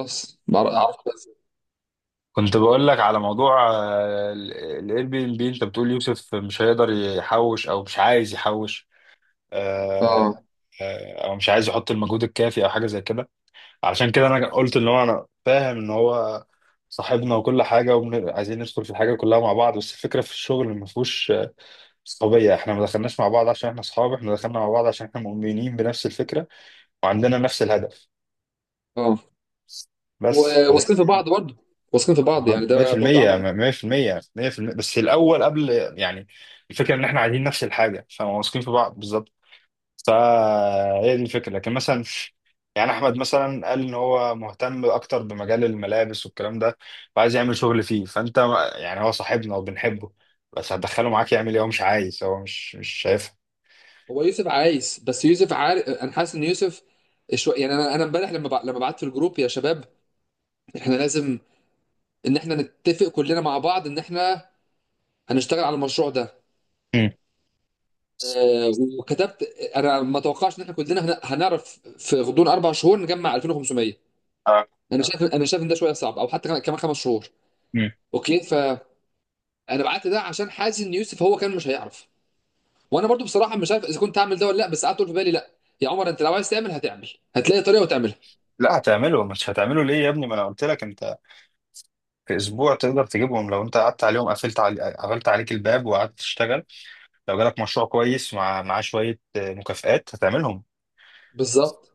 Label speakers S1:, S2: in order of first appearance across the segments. S1: بس اعرف بس.
S2: كنت بقول لك على موضوع الاير بي ام بي. انت بتقول يوسف مش هيقدر يحوش او مش عايز يحوش، آه،
S1: اه،
S2: او مش عايز يحط المجهود الكافي او حاجه زي كده. علشان كده انا قلت ان هو، انا فاهم ان هو صاحبنا وكل حاجه، وعايزين ندخل في الحاجه كلها مع بعض، بس الفكره في الشغل ما فيهوش صحوبيه. احنا ما دخلناش مع بعض عشان احنا اصحاب، احنا دخلنا مع بعض عشان احنا مؤمنين بنفس الفكره وعندنا نفس الهدف.
S1: اه.
S2: بس
S1: واثقين في بعض برضه. واثقين في بعض، يعني
S2: مية في
S1: ده برضه
S2: المية،
S1: عمل.
S2: مية في المية، مية في المية، بس الأول قبل، يعني الفكرة إن إحنا عايزين نفس الحاجة فواثقين في بعض بالظبط. فهي دي الفكرة. لكن مثلا يعني أحمد مثلا قال إن هو مهتم أكتر بمجال الملابس والكلام ده وعايز يعمل شغل فيه. فأنت يعني هو صاحبنا وبنحبه، بس هتدخله معاك يعمل إيه؟ هو مش عايز، هو مش شايفها.
S1: هو يوسف عايز، بس يوسف عارف، انا حاسس ان يوسف شويه، يعني انا امبارح لما بعت في الجروب: يا شباب احنا لازم ان احنا نتفق كلنا مع بعض ان احنا هنشتغل على المشروع ده.
S2: مم.
S1: آه، وكتبت، انا ما توقعش ان احنا كلنا هنعرف في غضون اربع شهور نجمع 2,500.
S2: آه.
S1: انا شايف ان ده شويه صعب، او حتى كمان خمس شهور.
S2: مم.
S1: اوكي، فانا بعت ده عشان حاسس ان يوسف هو كان مش هيعرف. وانا برضو بصراحه مش عارف اذا كنت هعمل ده ولا لا، بس قعدت اقول في بالي: لا يا عمر، انت لو عايز تعمل هتعمل، هتلاقي طريقه وتعملها.
S2: لا هتعمله. مش هتعمله ليه يا ابني؟ ما انا قلت لك انت في اسبوع تقدر تجيبهم لو انت قعدت عليهم، قفلت علي... قفلت عليك الباب وقعدت تشتغل. لو جالك مشروع كويس ومع معاه شوية مكافآت هتعملهم.
S1: بالظبط.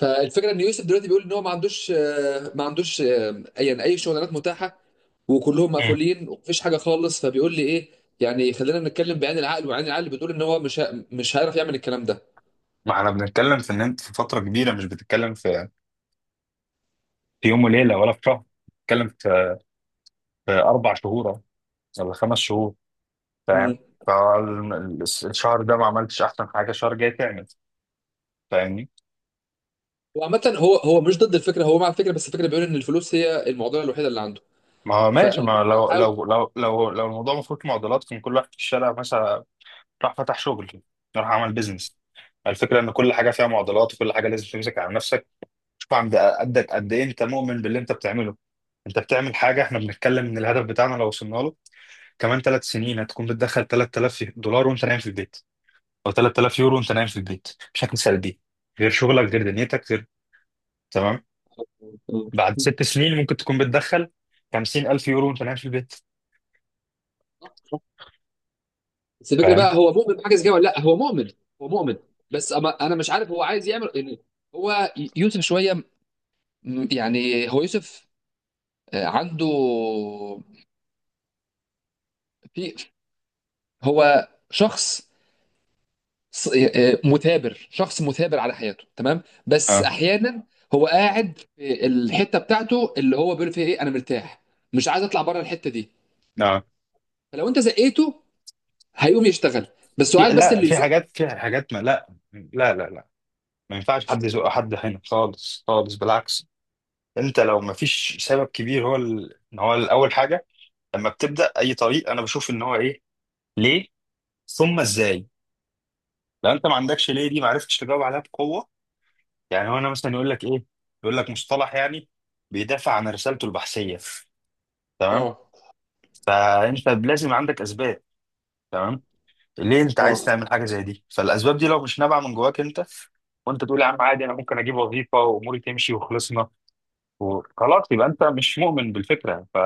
S1: فالفكره ان يوسف دلوقتي بيقول ان هو ما عندوش يعني اي شغلانات متاحه، وكلهم
S2: مم.
S1: مقفولين ومفيش حاجه خالص. فبيقول لي ايه؟ يعني خلينا نتكلم بعين العقل، وعين العقل بتقول ان هو مش هيعرف يعمل الكلام ده.
S2: ما احنا بنتكلم في ان انت في فترة كبيرة، مش بتتكلم في في يوم وليلة ولا في شهر، بتتكلم في في اربع شهور ولا خمس شهور، فاهم؟
S1: امم.
S2: فالشهر ده ما عملتش احسن حاجة، الشهر الجاي تعمل، فاهمني؟
S1: وعامه هو، هو مش ضد الفكره، هو مع الفكره، بس الفكره بيقول ان الفلوس هي المعضله الوحيده اللي عنده.
S2: ما هو ماشي.
S1: فقال
S2: ما
S1: هو
S2: لو
S1: هيحاول.
S2: لو لو لو لو الموضوع مفروض معضلات، كان كل واحد في الشارع مثلا راح فتح شغل، راح عمل بيزنس. الفكرة ان كل حاجة فيها معضلات، وكل حاجة لازم تمسك على نفسك. شوف عند قدك قد ايه انت مؤمن باللي انت بتعمله. انت بتعمل حاجه، احنا بنتكلم ان الهدف بتاعنا لو وصلنا له كمان ثلاث سنين، هتكون بتدخل 3000$ وانت نايم في البيت، او 3000 يورو وانت نايم في البيت، بشكل سلبي. غير شغلك، غير دنيتك، غير. تمام؟
S1: مم.
S2: بعد ست سنين ممكن تكون بتدخل 50000 يورو وانت نايم في البيت،
S1: بس الفكره بقى،
S2: فاهم؟
S1: هو مؤمن بحاجه زي كده ولا لا؟ هو مؤمن. هو مؤمن، بس أما انا مش عارف هو عايز يعمل يعني. هو يوسف شويه، يعني هو يوسف عنده، في، هو شخص، مثابر، شخص مثابر على حياته، تمام، بس
S2: اه
S1: احيانا هو قاعد في الحته بتاعته اللي هو بيقول فيها ايه: انا مرتاح، مش عايز اطلع بره الحته دي.
S2: اه.
S1: فلو انت زقيته هيقوم يشتغل، بس هو
S2: في،
S1: عايز بس
S2: لا،
S1: اللي
S2: في
S1: يزقه.
S2: حاجات، في حاجات، ما، لا ما ينفعش حد يزق حد هنا خالص خالص. بالعكس، انت لو ما فيش سبب كبير، هو ال... هو اول حاجه لما بتبدا اي طريق، انا بشوف ان هو ايه، ليه، ثم ازاي. لو انت ما عندكش ليه دي، ما عرفتش تجاوب عليها بقوه. يعني هو انا مثلا يقول لك ايه، يقول لك مصطلح يعني بيدافع عن رسالته البحثيه، تمام؟
S1: اه،
S2: فانت لازم عندك اسباب، تمام؟ ليه انت عايز
S1: اه.
S2: تعمل حاجه زي دي؟ فالاسباب دي لو مش نابعه من جواك انت، وانت تقول يا عم عادي انا ممكن اجيب وظيفه واموري تمشي وخلصنا وخلاص، يبقى انت مش مؤمن بالفكره. ف...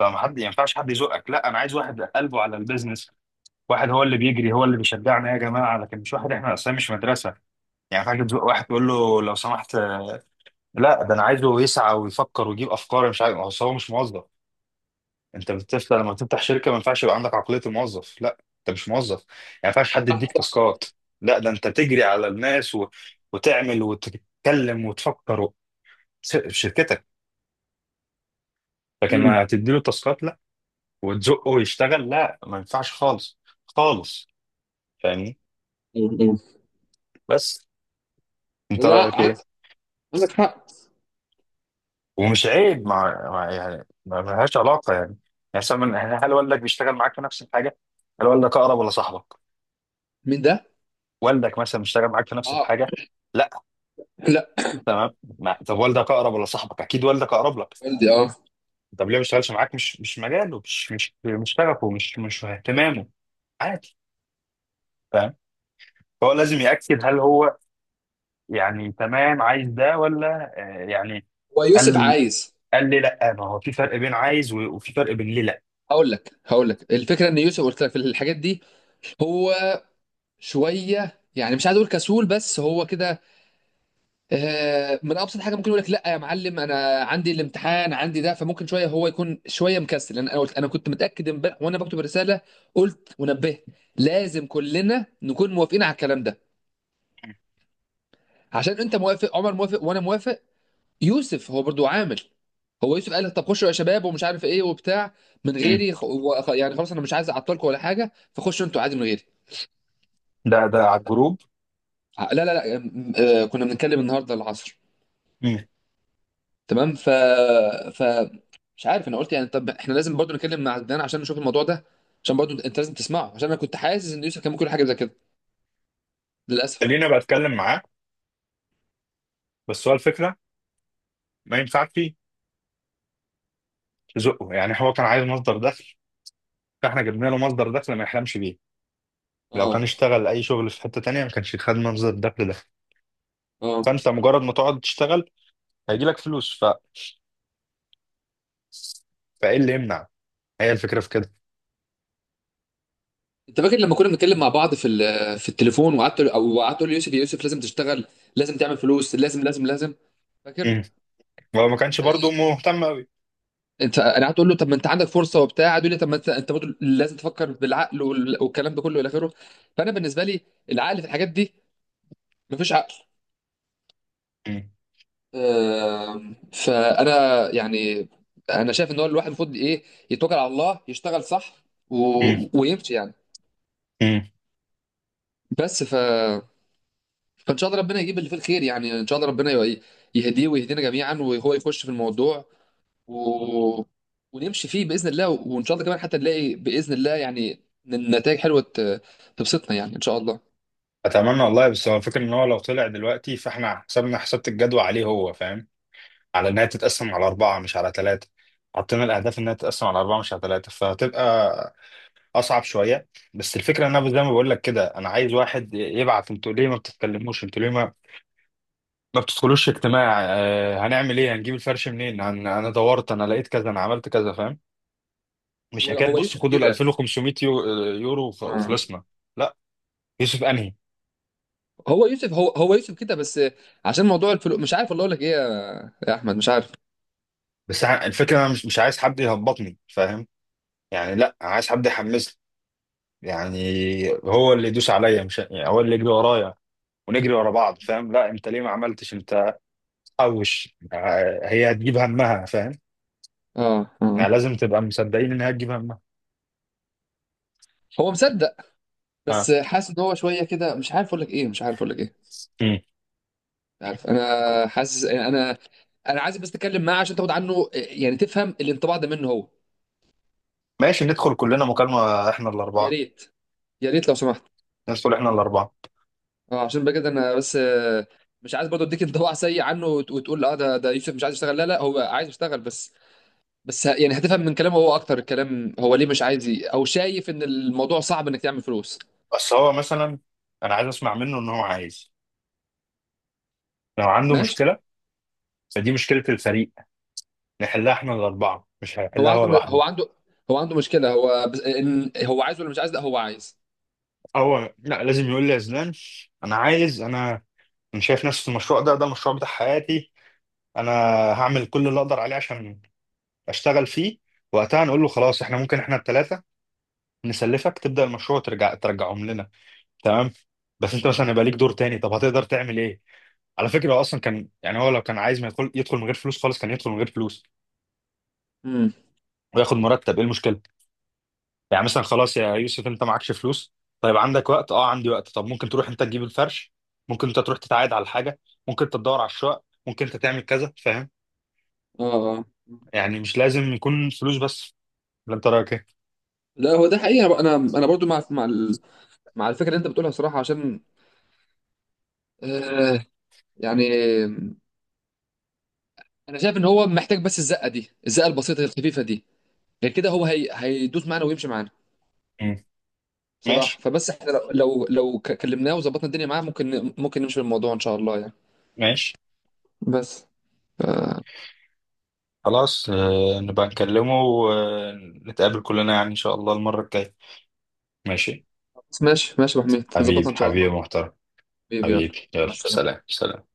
S2: فما حد، ما ينفعش حد يزقك. لا، انا عايز واحد قلبه على البيزنس. واحد هو اللي بيجري، هو اللي بيشجعنا يا جماعه. لكن مش واحد، احنا اصلا مش مدرسه يعني. فاكر تزق واحد تقول له لو سمحت لا. ده انا عايزه يسعى ويفكر ويجيب افكار، مش عارف. أصل هو مش موظف. انت بتفتح، لما تفتح شركه، ما ينفعش يبقى عندك عقليه الموظف. لا، انت مش موظف يعني، ما ينفعش حد
S1: صح،
S2: يديك
S1: صح.
S2: تاسكات. لا، ده انت تجري على الناس و... وتعمل وتتكلم وتفكر و... س- في شركتك. لكن
S1: امم.
S2: ما تديله تاسكات لا، وتزقه يشتغل، لا، ما ينفعش خالص خالص، فاهمني؟ بس انت
S1: لا،
S2: رايك ايه؟
S1: عندك حق.
S2: ومش عيب. مع يعني ما لهاش علاقه يعني يعني. مثلا يعني هل والدك بيشتغل معاك في نفس الحاجه؟ هل والدك اقرب ولا صاحبك؟
S1: مين ده؟
S2: والدك مثلا بيشتغل معاك في نفس
S1: اه.
S2: الحاجه؟ لا؟
S1: لا.
S2: تمام. طب والدك اقرب ولا صاحبك؟ اكيد والدك اقرب لك.
S1: والدي، اه.
S2: طب ليه ما بيشتغلش معاك؟ مش مجاله، مش شغفه، مش اهتمامه، عادي. فاهم؟ فهو لازم يأكد هل هو يعني تمام عايز ده ولا يعني.
S1: هو يوسف
S2: قال،
S1: عايز.
S2: قال لي لا، ما هو في فرق بين عايز وفي فرق بين ليه لا.
S1: هقول لك الفكره ان يوسف، قلت لك في الحاجات دي، هو شويه، يعني مش عايز اقول كسول، بس هو كده. من ابسط حاجه ممكن يقول لك: لا يا معلم انا عندي الامتحان، عندي ده. فممكن شويه هو يكون شويه مكسل، لان انا قلت، انا كنت متاكد امبارح وانا بكتب الرساله، قلت ونبهت: لازم كلنا نكون موافقين على الكلام ده، عشان انت موافق، عمر موافق، وانا موافق. يوسف هو برضو عامل، هو يوسف قال: طب خشوا يا شباب، ومش عارف ايه وبتاع، من
S2: مم.
S1: غيري، يعني خلاص انا مش عايز اعطلكم ولا حاجه، فخشوا انتوا عادي من غيري.
S2: ده ده على الجروب؟
S1: لا، لا، لا، كنا بنتكلم النهارده العصر.
S2: مم.
S1: تمام. ف ف مش عارف، انا قلت يعني طب احنا لازم برضو نتكلم مع عدنان عشان نشوف الموضوع ده، عشان برضو انت لازم تسمعه، عشان انا كنت حاسس ان يوسف كان ممكن يقول حاجه زي كده، للاسف.
S2: خليني بتكلم معاه. بس هو الفكره ما ينفعش تزقه. يعني هو كان عايز مصدر دخل، فاحنا جبنا له مصدر دخل ما يحلمش بيه. لو
S1: اه،
S2: كان اشتغل اي شغل في حته تانية ما كانش خد مصدر الدخل ده.
S1: اه.
S2: فانت مجرد ما تقعد تشتغل، هيجي لك فلوس. ف... فايه اللي يمنع؟ هي الفكره في كده.
S1: انت فاكر لما كنا بنتكلم مع بعض في في التليفون، وقعدت، او قعدت تقول لي: يوسف، يا يوسف، لازم تشتغل، لازم تعمل فلوس، لازم، لازم، لازم. فاكر؟
S2: امم هو ما كانش برضه مهتم قوي.
S1: انت انا هتقول له طب ما انت عندك فرصه وبتاع، هتقول لي طب ما انت، انت برضه لازم تفكر بالعقل، والكلام ده كله الى اخره. فانا بالنسبه لي، العقل في الحاجات دي مفيش عقل.
S2: امم
S1: فانا يعني، انا شايف ان هو الواحد المفروض ايه: يتوكل على الله، يشتغل صح، و...
S2: امم
S1: ويمشي يعني.
S2: امم
S1: بس ف، فان شاء الله ربنا يجيب اللي فيه الخير، يعني ان شاء الله ربنا يهديه ويهدينا جميعا، وهو يخش في الموضوع، و... ونمشي فيه باذن الله، وان شاء الله كمان حتى نلاقي باذن الله يعني نتائج حلوه تبسطنا، يعني ان شاء الله.
S2: اتمنى والله. بس هو الفكره ان هو لو طلع دلوقتي، فاحنا حسبنا، حسبت الجدوى عليه، هو فاهم، على انها تتقسم على اربعه مش على ثلاثه. حطينا الاهداف انها تتقسم على اربعه مش على ثلاثه، فهتبقى اصعب شويه. بس الفكره ان انا زي ما بقول لك كده، انا عايز واحد يبعت انتوا ليه ما بتتكلموش، انتوا ليه ما ما بتدخلوش اجتماع، آه هنعمل ايه، هنجيب الفرش منين، هن... انا دورت، انا لقيت كذا، انا عملت كذا، فاهم؟ مش
S1: هو
S2: حكايه
S1: هو
S2: بص
S1: يوسف
S2: خدوا ال
S1: كده.
S2: 2500 يو... يورو
S1: آه.
S2: وفلوسنا. لا، يوسف انهي.
S1: هو يوسف، هو يوسف كده، بس عشان موضوع الفلوس، مش عارف والله اقول لك ايه يا احمد، مش عارف.
S2: بس ع- الفكره انا مش عايز حد يهبطني، فاهم؟ يعني لا، انا عايز حد يحمسني يعني، هو اللي يدوس عليا، مش يعني هو اللي يجري ورايا ونجري ورا بعض، فاهم؟ لا، انت ليه ما عملتش انت حوش؟ هي هتجيب همها، فاهم؟
S1: اه،
S2: يعني
S1: اه.
S2: لازم تبقى مصدقين ان هي تجيب همها.
S1: هو مصدق،
S2: اه.
S1: بس حاسس ان هو شويه كده، مش عارف اقول لك ايه، مش عارف اقول لك ايه.
S2: مم.
S1: مش عارف، انا حاسس، انا عايز بس اتكلم معاه عشان تاخد عنه يعني، تفهم الانطباع ده منه هو.
S2: ماشي، ندخل كلنا مكالمة احنا
S1: يا
S2: الأربعة.
S1: ريت، يا ريت لو سمحت.
S2: ندخل احنا الأربعة.
S1: اه، عشان بقى كده انا بس، مش عايز برضه اديك انطباع سيء عنه، وتقول: اه ده يوسف مش عايز يشتغل. لا، لا، هو عايز يشتغل، بس، بس يعني هتفهم من كلامه هو اكتر الكلام، هو ليه مش عايز او شايف ان الموضوع صعب انك تعمل فلوس.
S2: بس هو مثلا، أنا عايز أسمع منه إن هو عايز، لو عنده
S1: ماشي.
S2: مشكلة فدي مشكلة الفريق، نحلها احنا الأربعة، مش
S1: هو
S2: هيحلها هو
S1: عنده
S2: لوحده.
S1: هو عنده مشكلة هو، بس ان هو عايز ولا مش عايز؟ لا، هو عايز.
S2: هو لا، لازم يقول لي يا زلان أنا عايز أنا أنا شايف نفسي في المشروع ده، ده المشروع بتاع حياتي، أنا هعمل كل اللي أقدر عليه عشان أشتغل فيه. وقتها نقول له خلاص، احنا ممكن احنا التلاتة نسلفك، تبدأ المشروع وترجع ترجعهم لنا، تمام؟ بس انت مثلا يبقى ليك دور تاني، طب هتقدر تعمل ايه؟ على فكره هو اصلا كان يعني هو لو كان عايز ما يدخل يدخل من غير فلوس خالص، كان يدخل من غير فلوس
S1: امم.
S2: وياخد مرتب. ايه المشكله؟ يعني مثلا خلاص يا يوسف انت معكش فلوس، طيب عندك وقت، اه عندي وقت، طب ممكن تروح انت تجيب الفرش، ممكن انت تروح تتعايد على حاجه، ممكن انت تدور على الشقق، ممكن انت تعمل كذا، فاهم؟
S1: اه، اه.
S2: يعني مش لازم يكون فلوس بس. ولا انت رايك ايه؟
S1: لا، هو ده حقيقة، انا برضو مع، مع الفكرة اللي انت بتقولها، صراحة، عشان آه يعني، انا شايف ان هو محتاج بس الزقة دي، الزقة البسيطة الخفيفة دي، غير كده هو هيدوس معانا ويمشي معانا.
S2: مم.
S1: بصراحه،
S2: ماشي
S1: فبس احنا كلمناه وظبطنا الدنيا معاه، ممكن نمشي بالموضوع ان شاء الله يعني.
S2: ماشي.
S1: بس آه،
S2: خلاص نبقى نكلمه ونتقابل كلنا يعني ان شاء الله المره الجايه. ماشي.
S1: ماشي. ماشي يا ابو حميد، نظبطها
S2: حبيبي
S1: ان شاء
S2: حبيبي
S1: الله.
S2: محترم.
S1: حبيبي يلا،
S2: حبيبي يلا
S1: مع السلامه.
S2: سلام سلام.